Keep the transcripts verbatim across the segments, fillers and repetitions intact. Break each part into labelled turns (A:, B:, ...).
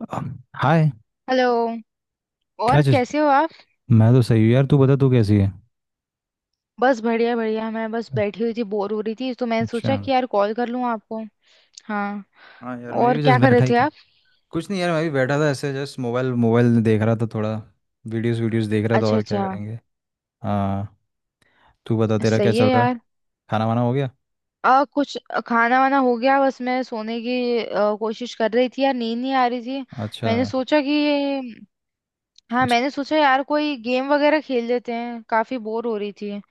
A: अ, hi.
B: Hello.
A: क्या
B: और
A: चीज।
B: कैसे हो आप।
A: मैं तो सही हूँ यार, तू बता, तू कैसी है।
B: बस बढ़िया बढ़िया, मैं बस बैठी हुई थी, बोर हो रही थी तो मैंने
A: अच्छा।
B: सोचा कि यार कॉल कर लूं आपको। हाँ।
A: हाँ यार, मैं
B: और
A: भी
B: क्या
A: जस्ट
B: कर रहे
A: बैठा ही
B: थे
A: था।
B: आप।
A: कुछ नहीं यार, मैं भी बैठा था ऐसे जस्ट मोबाइल मोबाइल देख रहा था थोड़ा। वीडियोस वीडियोस देख रहा था,
B: अच्छा
A: और क्या
B: अच्छा।
A: करेंगे। हाँ। तू बता तेरा क्या
B: सही
A: चल
B: है
A: रहा है।
B: यार।
A: खाना वाना हो गया।
B: आ, कुछ खाना वाना हो गया। बस मैं सोने की अ, कोशिश कर रही थी यार, नींद नहीं आ रही थी।
A: अच्छा।
B: मैंने सोचा कि, हाँ
A: कुछ।
B: मैंने सोचा यार कोई गेम वगैरह खेल लेते हैं, काफी बोर हो रही थी।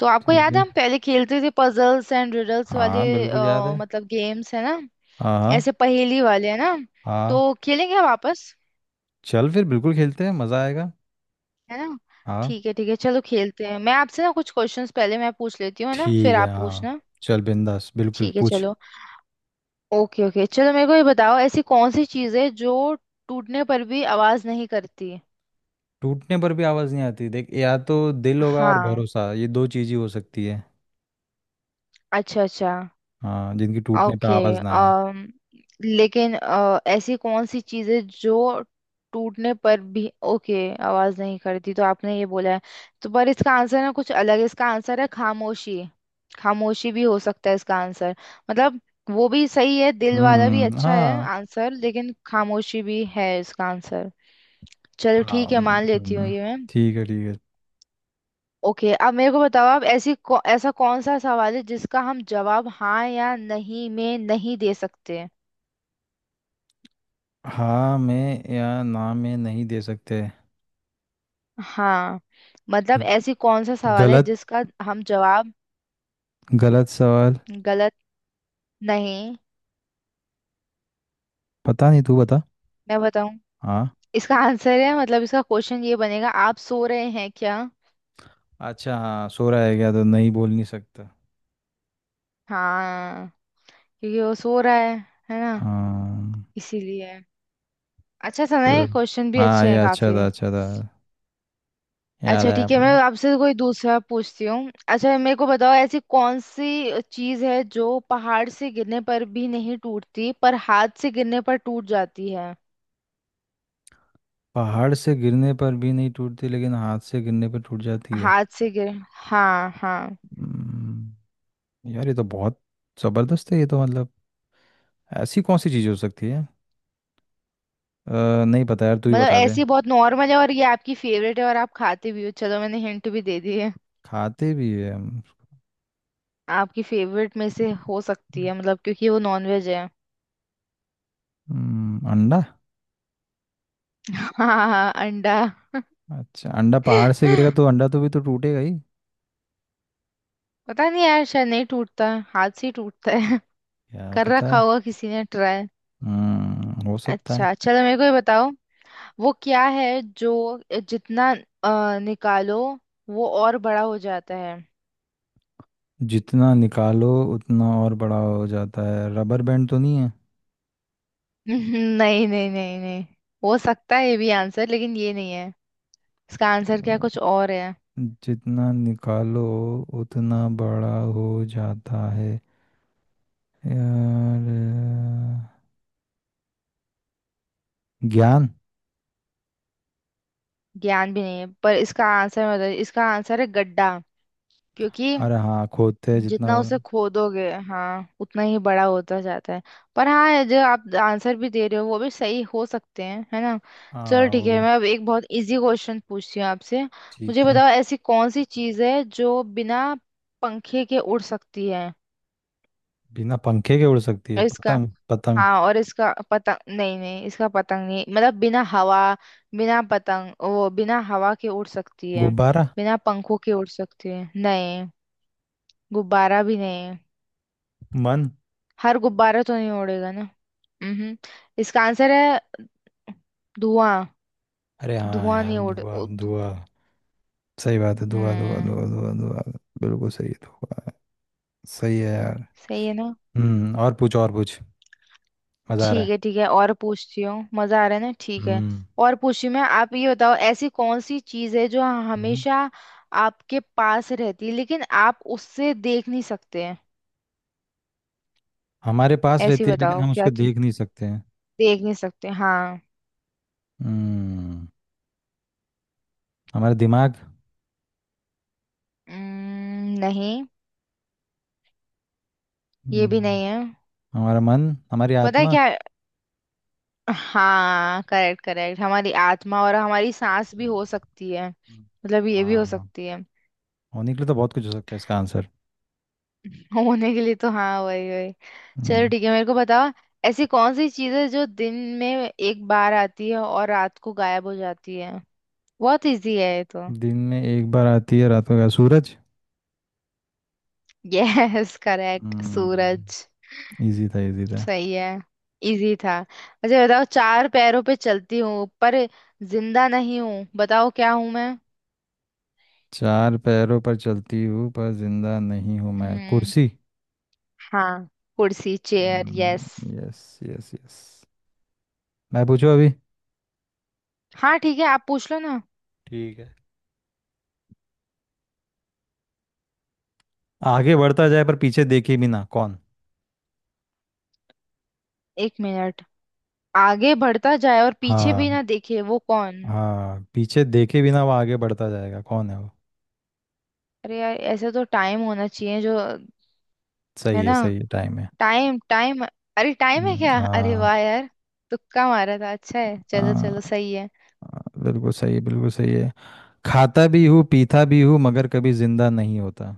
B: तो आपको
A: ठीक
B: याद है
A: है।
B: हम पहले खेलते थे पजल्स एंड रिडल्स वाले।
A: हाँ बिल्कुल याद
B: अ,
A: है।
B: मतलब गेम्स है ना,
A: हाँ हाँ।
B: ऐसे पहेली वाले है ना।
A: हाँ।
B: तो खेलेंगे हम वापस,
A: चल फिर बिल्कुल खेलते हैं, मज़ा आएगा।
B: है ना।
A: हाँ।
B: ठीक है ठीक है, चलो खेलते हैं। मैं आपसे ना कुछ क्वेश्चंस पहले मैं पूछ लेती हूँ, है ना, फिर
A: ठीक है
B: आप
A: हाँ।
B: पूछना।
A: चल बिंदास बिल्कुल
B: ठीक है
A: पूछ।
B: चलो। ओके ओके, चलो मेरे को ये बताओ, ऐसी कौन सी चीज़ है जो टूटने पर भी आवाज नहीं करती।
A: टूटने पर भी आवाज़ नहीं आती, देख, या तो दिल होगा और
B: हाँ।
A: भरोसा, ये दो चीज़ ही हो सकती है।
B: अच्छा अच्छा।
A: हाँ जिनकी टूटने पे
B: ओके।
A: आवाज़ ना आए।
B: अम लेकिन अ, ऐसी कौन सी चीजें जो टूटने पर भी, ओके, आवाज नहीं करती, तो आपने ये बोला है, तो पर इसका आंसर ना कुछ अलग है। इसका आंसर है खामोशी। खामोशी भी हो सकता है इसका आंसर, मतलब वो भी सही है, दिल वाला भी
A: हम्म
B: अच्छा है
A: हाँ।
B: आंसर, लेकिन खामोशी भी है इसका आंसर। चलो
A: हाँ
B: ठीक है, मान लेती हूँ
A: हम्म,
B: ये मैं।
A: ठीक है ठीक है।
B: ओके, अब मेरे को बताओ आप, ऐसी कौ, ऐसा कौन सा सवाल है जिसका हम जवाब हाँ या नहीं में नहीं दे सकते।
A: हाँ में या ना में नहीं दे सकते।
B: हाँ, मतलब
A: ग-
B: ऐसी कौन सा सवाल है
A: गलत।
B: जिसका हम जवाब।
A: गलत सवाल।
B: गलत, नहीं।
A: पता नहीं, तू बता।
B: मैं बताऊं,
A: हाँ।
B: इसका आंसर है, मतलब इसका क्वेश्चन ये बनेगा, आप सो रहे हैं क्या।
A: अच्छा हाँ, सो रहा है क्या, तो नहीं बोल नहीं सकता।
B: हाँ, क्योंकि वो सो रहा है है ना,
A: हाँ।
B: इसीलिए। अच्छा था ना,
A: चलो।
B: क्वेश्चन भी
A: हाँ
B: अच्छे
A: ये
B: हैं
A: अच्छा
B: काफी।
A: था, अच्छा था। याद
B: अच्छा
A: आया
B: ठीक है, मैं
A: मुझे।
B: आपसे कोई दूसरा पूछती हूँ। अच्छा मेरे को बताओ, ऐसी कौन सी चीज है जो पहाड़ से गिरने पर भी नहीं टूटती पर हाथ से गिरने पर टूट जाती है।
A: पहाड़ से गिरने पर भी नहीं टूटती लेकिन हाथ से गिरने पर टूट जाती है।
B: हाथ से गिर हाँ हाँ।
A: हम्म, यार ये तो बहुत ज़बरदस्त है, ये तो मतलब ऐसी कौन सी चीज़ हो सकती है। अ, नहीं पता यार, तू ही
B: मतलब
A: बता दे।
B: ऐसी बहुत नॉर्मल है और ये आपकी फेवरेट है और आप खाते भी हो, चलो मैंने हिंट भी दे दी है।
A: खाते भी है हम।
B: आपकी फेवरेट में से हो सकती है, मतलब क्योंकि वो नॉनवेज है।
A: हम्म, अंडा।
B: हाँ हाँ, अंडा।
A: अच्छा अंडा पहाड़ से गिरेगा तो अंडा तो भी तो टूटेगा ही।
B: पता नहीं यार, शायद नहीं टूटता है, हाथ से ही टूटता है।
A: क्या
B: कर
A: पता।
B: रखा होगा किसी ने ट्राई।
A: हम्म, हो सकता है।
B: अच्छा चलो, मेरे को ये बताओ, वो क्या है जो जितना अ, निकालो वो और बड़ा हो जाता है।
A: जितना निकालो उतना और बड़ा हो जाता है, रबर बैंड तो नहीं है।
B: नहीं नहीं नहीं नहीं, हो सकता है ये भी आंसर, लेकिन ये नहीं है। इसका आंसर क्या कुछ
A: अ,
B: और है।
A: जितना निकालो उतना बड़ा हो जाता है। यार, अ, ज्ञान।
B: ज्ञान भी नहीं है, पर इसका आंसर मैं बता, इसका आंसर है गड्ढा। क्योंकि
A: अरे हाँ खोदते हैं, जितना
B: जितना
A: वो-
B: उसे खोदोगे, हाँ, उतना ही बड़ा होता जाता है। पर हाँ ये जो आप आंसर भी दे रहे हो वो भी सही हो सकते हैं, है ना। चलो
A: हाँ
B: ठीक
A: वो
B: है,
A: भी।
B: मैं अब एक बहुत इजी क्वेश्चन पूछती हूँ आपसे,
A: ठीक
B: मुझे
A: है।
B: बताओ ऐसी कौन सी चीज़ है जो बिना पंखे के उड़ सकती है।
A: बिना पंखे के उड़ सकती है,
B: और इसका,
A: पतंग पतंग।
B: हाँ और इसका पतंग नहीं, नहीं इसका पतंग नहीं, मतलब बिना हवा, बिना पतंग, वो बिना हवा के उड़ सकती है,
A: गुब्बारा।
B: बिना पंखों के उड़ सकती है। नहीं, गुब्बारा भी नहीं,
A: मन।
B: हर गुब्बारा तो नहीं उड़ेगा ना। हम्म, इसका आंसर है धुआं।
A: अरे हाँ
B: धुआं
A: यार,
B: नहीं उड़
A: धुआ
B: उड़-
A: धुआ। सही बात है, धुआ धुआ
B: हम्म।
A: धुआ धुआ धुआ। बिल्कुल सही है धुआ। सही है यार।
B: सही है ना।
A: हम्म, और पूछ, और पूछ। मजा आ रहा
B: ठीक
A: है।
B: है ठीक है, और पूछती हूँ, मजा आ रहा है ना, ठीक है
A: हम्म।
B: और पूछती हूँ मैं। आप ये बताओ, ऐसी कौन सी चीज है जो
A: हम्म,
B: हमेशा आपके पास रहती है लेकिन आप उससे देख नहीं सकते हैं।
A: हमारे पास
B: ऐसी
A: रहती है लेकिन
B: बताओ
A: हम
B: क्या
A: उसको
B: चीज,
A: देख नहीं सकते हैं।
B: देख नहीं सकते, हाँ।
A: हम्म, हमारा दिमाग।
B: उम्म, नहीं, ये भी
A: हम्म,
B: नहीं है।
A: हमारा मन, हमारी
B: पता है
A: आत्मा।
B: क्या है? हाँ करेक्ट करेक्ट, हमारी आत्मा, और हमारी सांस भी हो सकती है,
A: हम्म,
B: मतलब ये भी हो
A: हाँ।
B: सकती है।
A: होने के लिए तो बहुत कुछ हो सकता है इसका आंसर।
B: होने के लिए तो हाँ, वही वही चलो
A: हम्म।
B: ठीक है, मेरे को बताओ ऐसी कौन सी चीज़ है जो दिन में एक बार आती है और रात को गायब हो जाती है। बहुत इजी है ये तो।
A: दिन में एक बार आती है रात को, क्या सूरज।
B: यस करेक्ट, सूरज।
A: हम्म। इजी था, इजी था।
B: सही है, इजी था। अच्छा बताओ, चार पैरों पे चलती हूँ पर जिंदा नहीं हूँ, बताओ क्या हूँ मैं।
A: चार पैरों पर चलती हूँ पर जिंदा नहीं हूँ मैं,
B: हम्म,
A: कुर्सी।
B: हाँ, कुर्सी, chair, yes.
A: Yes yes yes. मैं पूछूं अभी।
B: हाँ ठीक है, आप पूछ लो ना।
A: ठीक है। आगे बढ़ता जाए पर पीछे देखे बिना, कौन।
B: एक मिनट, आगे बढ़ता जाए और पीछे भी
A: हाँ।
B: ना देखे वो कौन।
A: हाँ पीछे देखे बिना वो आगे बढ़ता जाएगा, कौन है वो।
B: अरे यार, ऐसे तो टाइम होना चाहिए जो, है
A: सही है
B: ना,
A: सही है, टाइम है।
B: Time time. अरे टाइम है
A: हम्म,
B: क्या, अरे
A: हाँ।
B: वाह यार, तुक्का मारा था, अच्छा है। चलो
A: हाँ,
B: चलो सही है।
A: हाँ, बिल्कुल सही है, बिल्कुल सही है। खाता भी हूँ पीता भी हूँ मगर कभी जिंदा नहीं होता।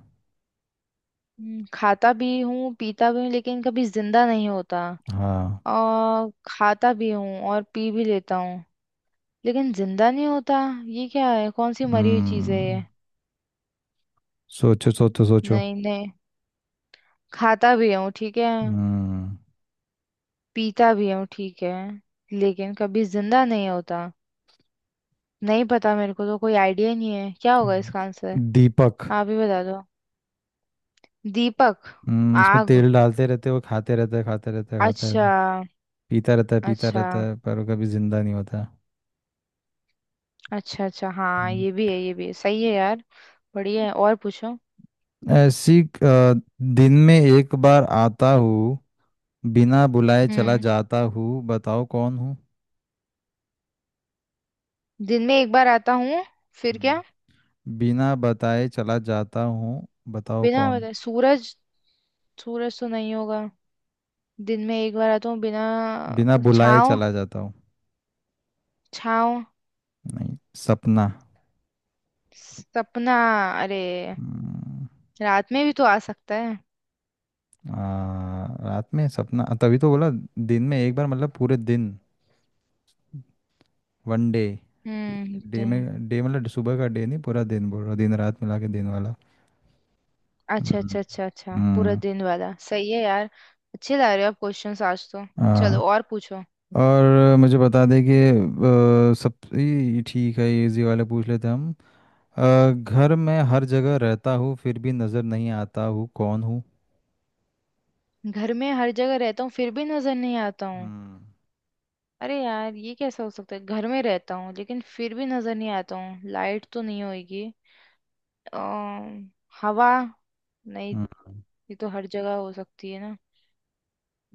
B: हम्म, खाता भी हूँ पीता भी हूँ लेकिन कभी जिंदा नहीं होता,
A: हाँ।
B: और खाता भी हूँ और पी भी लेता हूँ लेकिन जिंदा नहीं होता। ये क्या है, कौन सी मरी हुई चीज है
A: हम्म,
B: ये।
A: सोचो सोचो सोचो।
B: नहीं नहीं, खाता भी हूँ ठीक है,
A: हम्म।
B: पीता भी हूँ ठीक है, लेकिन कभी जिंदा नहीं होता। नहीं पता, मेरे को तो कोई आइडिया नहीं है क्या होगा इसका आंसर,
A: दीपक।
B: आप ही बता दो। दीपक,
A: हम्म, उसमें
B: आग।
A: तेल डालते रहते हैं, वो खाते रहता है, खाते रहता है, खाते
B: अच्छा,
A: रहता है, पीता रहता है, पीता
B: अच्छा
A: रहता है, पर वो कभी जिंदा नहीं होता।
B: अच्छा, अच्छा हाँ
A: हम्म।
B: ये भी है ये भी है, सही है यार। बढ़िया है, और पूछो।
A: ऐसी अ, दिन में एक बार आता हूँ, बिना बुलाए चला
B: हम्म,
A: जाता हूँ, बताओ कौन हूँ।
B: दिन में एक बार आता हूँ, फिर क्या,
A: हम्म। बिना बताए चला जाता हूँ, बताओ
B: बिना
A: कौन।
B: बताए सूरज। सूरज तो नहीं होगा, दिन में एक बार आता हूँ बिना,
A: बिना बुलाए
B: छाँव,
A: चला जाता हूँ।
B: छाँव,
A: नहीं, सपना।
B: सपना, अरे
A: हम्म,
B: रात में भी तो आ सकता है।
A: आ, रात में सपना तभी तो बोला। दिन में एक बार मतलब पूरे दिन, वन डे।
B: हम्म,
A: डे
B: दिन।
A: में, डे मतलब सुबह का डे नहीं, पूरा दिन बोल रहा, दिन रात मिला के दिन वाला।
B: अच्छा
A: हम्म।
B: अच्छा अच्छा अच्छा, पूरा
A: हम्म,
B: दिन वाला, सही है यार। अच्छे ला रहे हो आप क्वेश्चंस आज तो।
A: हाँ।
B: चलो और पूछो।
A: और मुझे बता दे कि अ, सब ये ठीक है, इजी वाले पूछ लेते हैं हम। अ, घर में हर जगह रहता हूँ फिर भी नज़र नहीं आता हूँ, कौन हूँ।
B: घर में हर जगह रहता हूँ फिर भी नजर नहीं आता हूँ।
A: हम्म।
B: अरे यार, ये कैसा हो सकता है, घर में रहता हूँ लेकिन फिर भी नजर नहीं आता हूँ, लाइट तो नहीं होगी। अम, हवा, नहीं
A: हम्म,
B: ये तो हर जगह हो सकती है ना,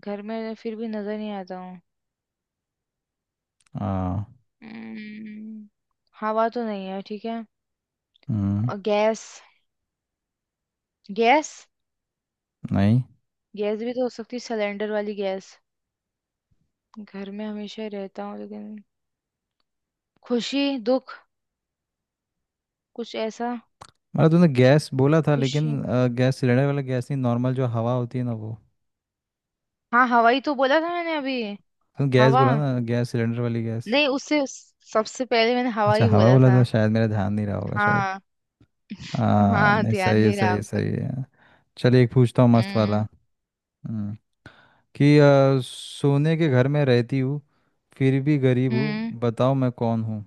B: घर में फिर भी नजर नहीं आता हूँ।
A: हाँ।
B: अम्म, हवा तो नहीं है ठीक है,
A: हम्म।
B: अ, गैस, गैस,
A: नहीं
B: गैस भी तो हो सकती है, सिलेंडर वाली गैस। घर में हमेशा रहता हूँ लेकिन, खुशी दुख, कुछ ऐसा,
A: मतलब तूने गैस बोला था
B: खुशी।
A: लेकिन अ, गैस सिलेंडर वाला गैस नहीं, नॉर्मल जो हवा होती है ना वो।
B: हाँ हवाई तो बोला था मैंने अभी।
A: तूने गैस
B: हवा,
A: बोला ना, गैस सिलेंडर वाली गैस।
B: नहीं उससे, सबसे पहले मैंने हवा
A: अच्छा
B: ही
A: हवा
B: बोला
A: बोला
B: था।
A: था, शायद मेरा ध्यान नहीं रहा होगा शायद।
B: हाँ,
A: हाँ
B: हाँ
A: नहीं,
B: ध्यान
A: सही है
B: नहीं रहा
A: सही है
B: आपका।
A: सही है। चलिए एक पूछता हूँ मस्त वाला।
B: हम्म
A: हम्म, कि आ, सोने के घर में रहती हूँ फिर भी गरीब हूँ,
B: हम्म,
A: बताओ मैं कौन हूँ।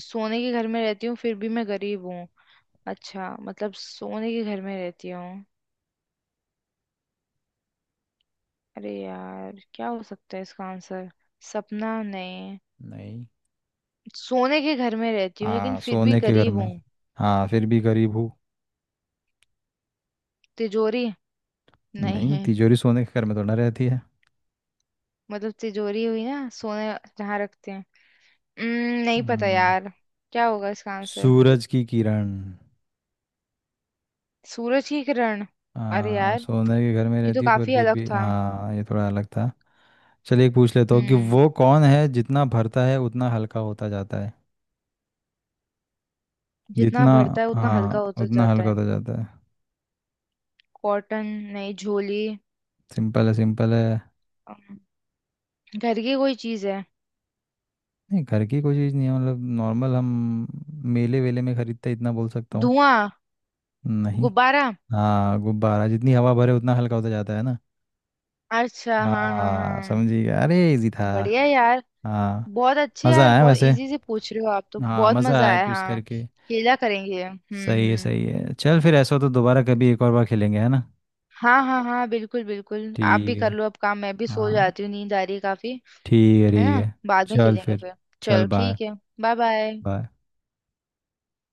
B: सोने के घर में रहती हूँ फिर भी मैं गरीब हूँ। अच्छा, मतलब सोने के घर में रहती हूँ, अरे यार क्या हो सकता है इसका आंसर, सपना नहीं।
A: नहीं।
B: सोने के घर में रहती हूँ लेकिन
A: हाँ
B: फिर भी
A: सोने के घर
B: गरीब
A: में,
B: हूँ।
A: हाँ फिर भी गरीब हूँ।
B: तिजोरी,
A: नहीं
B: नहीं
A: तिजोरी सोने के घर में तो ना रहती है।
B: मतलब तिजोरी हुई ना, सोने जहाँ रखते हैं। हम्म, नहीं पता
A: हम्म,
B: यार, क्या होगा इसका आंसर।
A: सूरज की किरण।
B: सूरज की किरण, अरे
A: हाँ
B: यार
A: सोने के घर में
B: ये तो
A: रहती हूँ पर
B: काफी
A: फिर
B: अलग
A: भी,
B: था।
A: हाँ ये थोड़ा अलग था। चलिए एक पूछ लेता हूँ कि
B: हम्म,
A: वो कौन है जितना भरता है उतना हल्का होता जाता है।
B: जितना
A: जितना,
B: बढ़ता है उतना हल्का
A: हाँ
B: होता
A: उतना
B: जाता
A: हल्का
B: है।
A: होता जाता है।
B: कॉटन, नहीं झोली,
A: सिंपल है सिंपल है।
B: अम, घर की कोई चीज है,
A: नहीं घर की कोई चीज़ नहीं है, मतलब नॉर्मल हम मेले वेले में खरीदते हैं, इतना बोल सकता हूँ।
B: धुआं,
A: नहीं।
B: गुब्बारा।
A: हाँ गुब्बारा, जितनी हवा भरे उतना हल्का होता जाता है ना।
B: अच्छा हाँ हाँ
A: हाँ
B: हाँ,
A: समझिए, अरे इजी था।
B: बढ़िया यार,
A: हाँ
B: बहुत अच्छे
A: मज़ा
B: यार,
A: आया
B: बहुत
A: वैसे।
B: इजी से पूछ रहे हो आप तो,
A: हाँ
B: बहुत
A: मज़ा
B: मजा
A: आया
B: आया।
A: क्विज
B: हाँ
A: करके।
B: खेला करेंगे। हम्म
A: सही है
B: हम्म।
A: सही है, चल फिर ऐसा हो तो दोबारा कभी एक और बार खेलेंगे, है ना।
B: हाँ हाँ हाँ, बिल्कुल बिल्कुल, आप भी
A: ठीक है।
B: कर लो अब काम, मैं भी सो
A: हाँ
B: जाती हूँ, नींद आ रही है काफी।
A: ठीक है
B: है
A: ठीक
B: ना,
A: है।
B: बाद में
A: चल
B: खेलेंगे
A: फिर।
B: फिर।
A: चल
B: चलो
A: बाय।
B: ठीक है, बाय बाय।
A: बाय।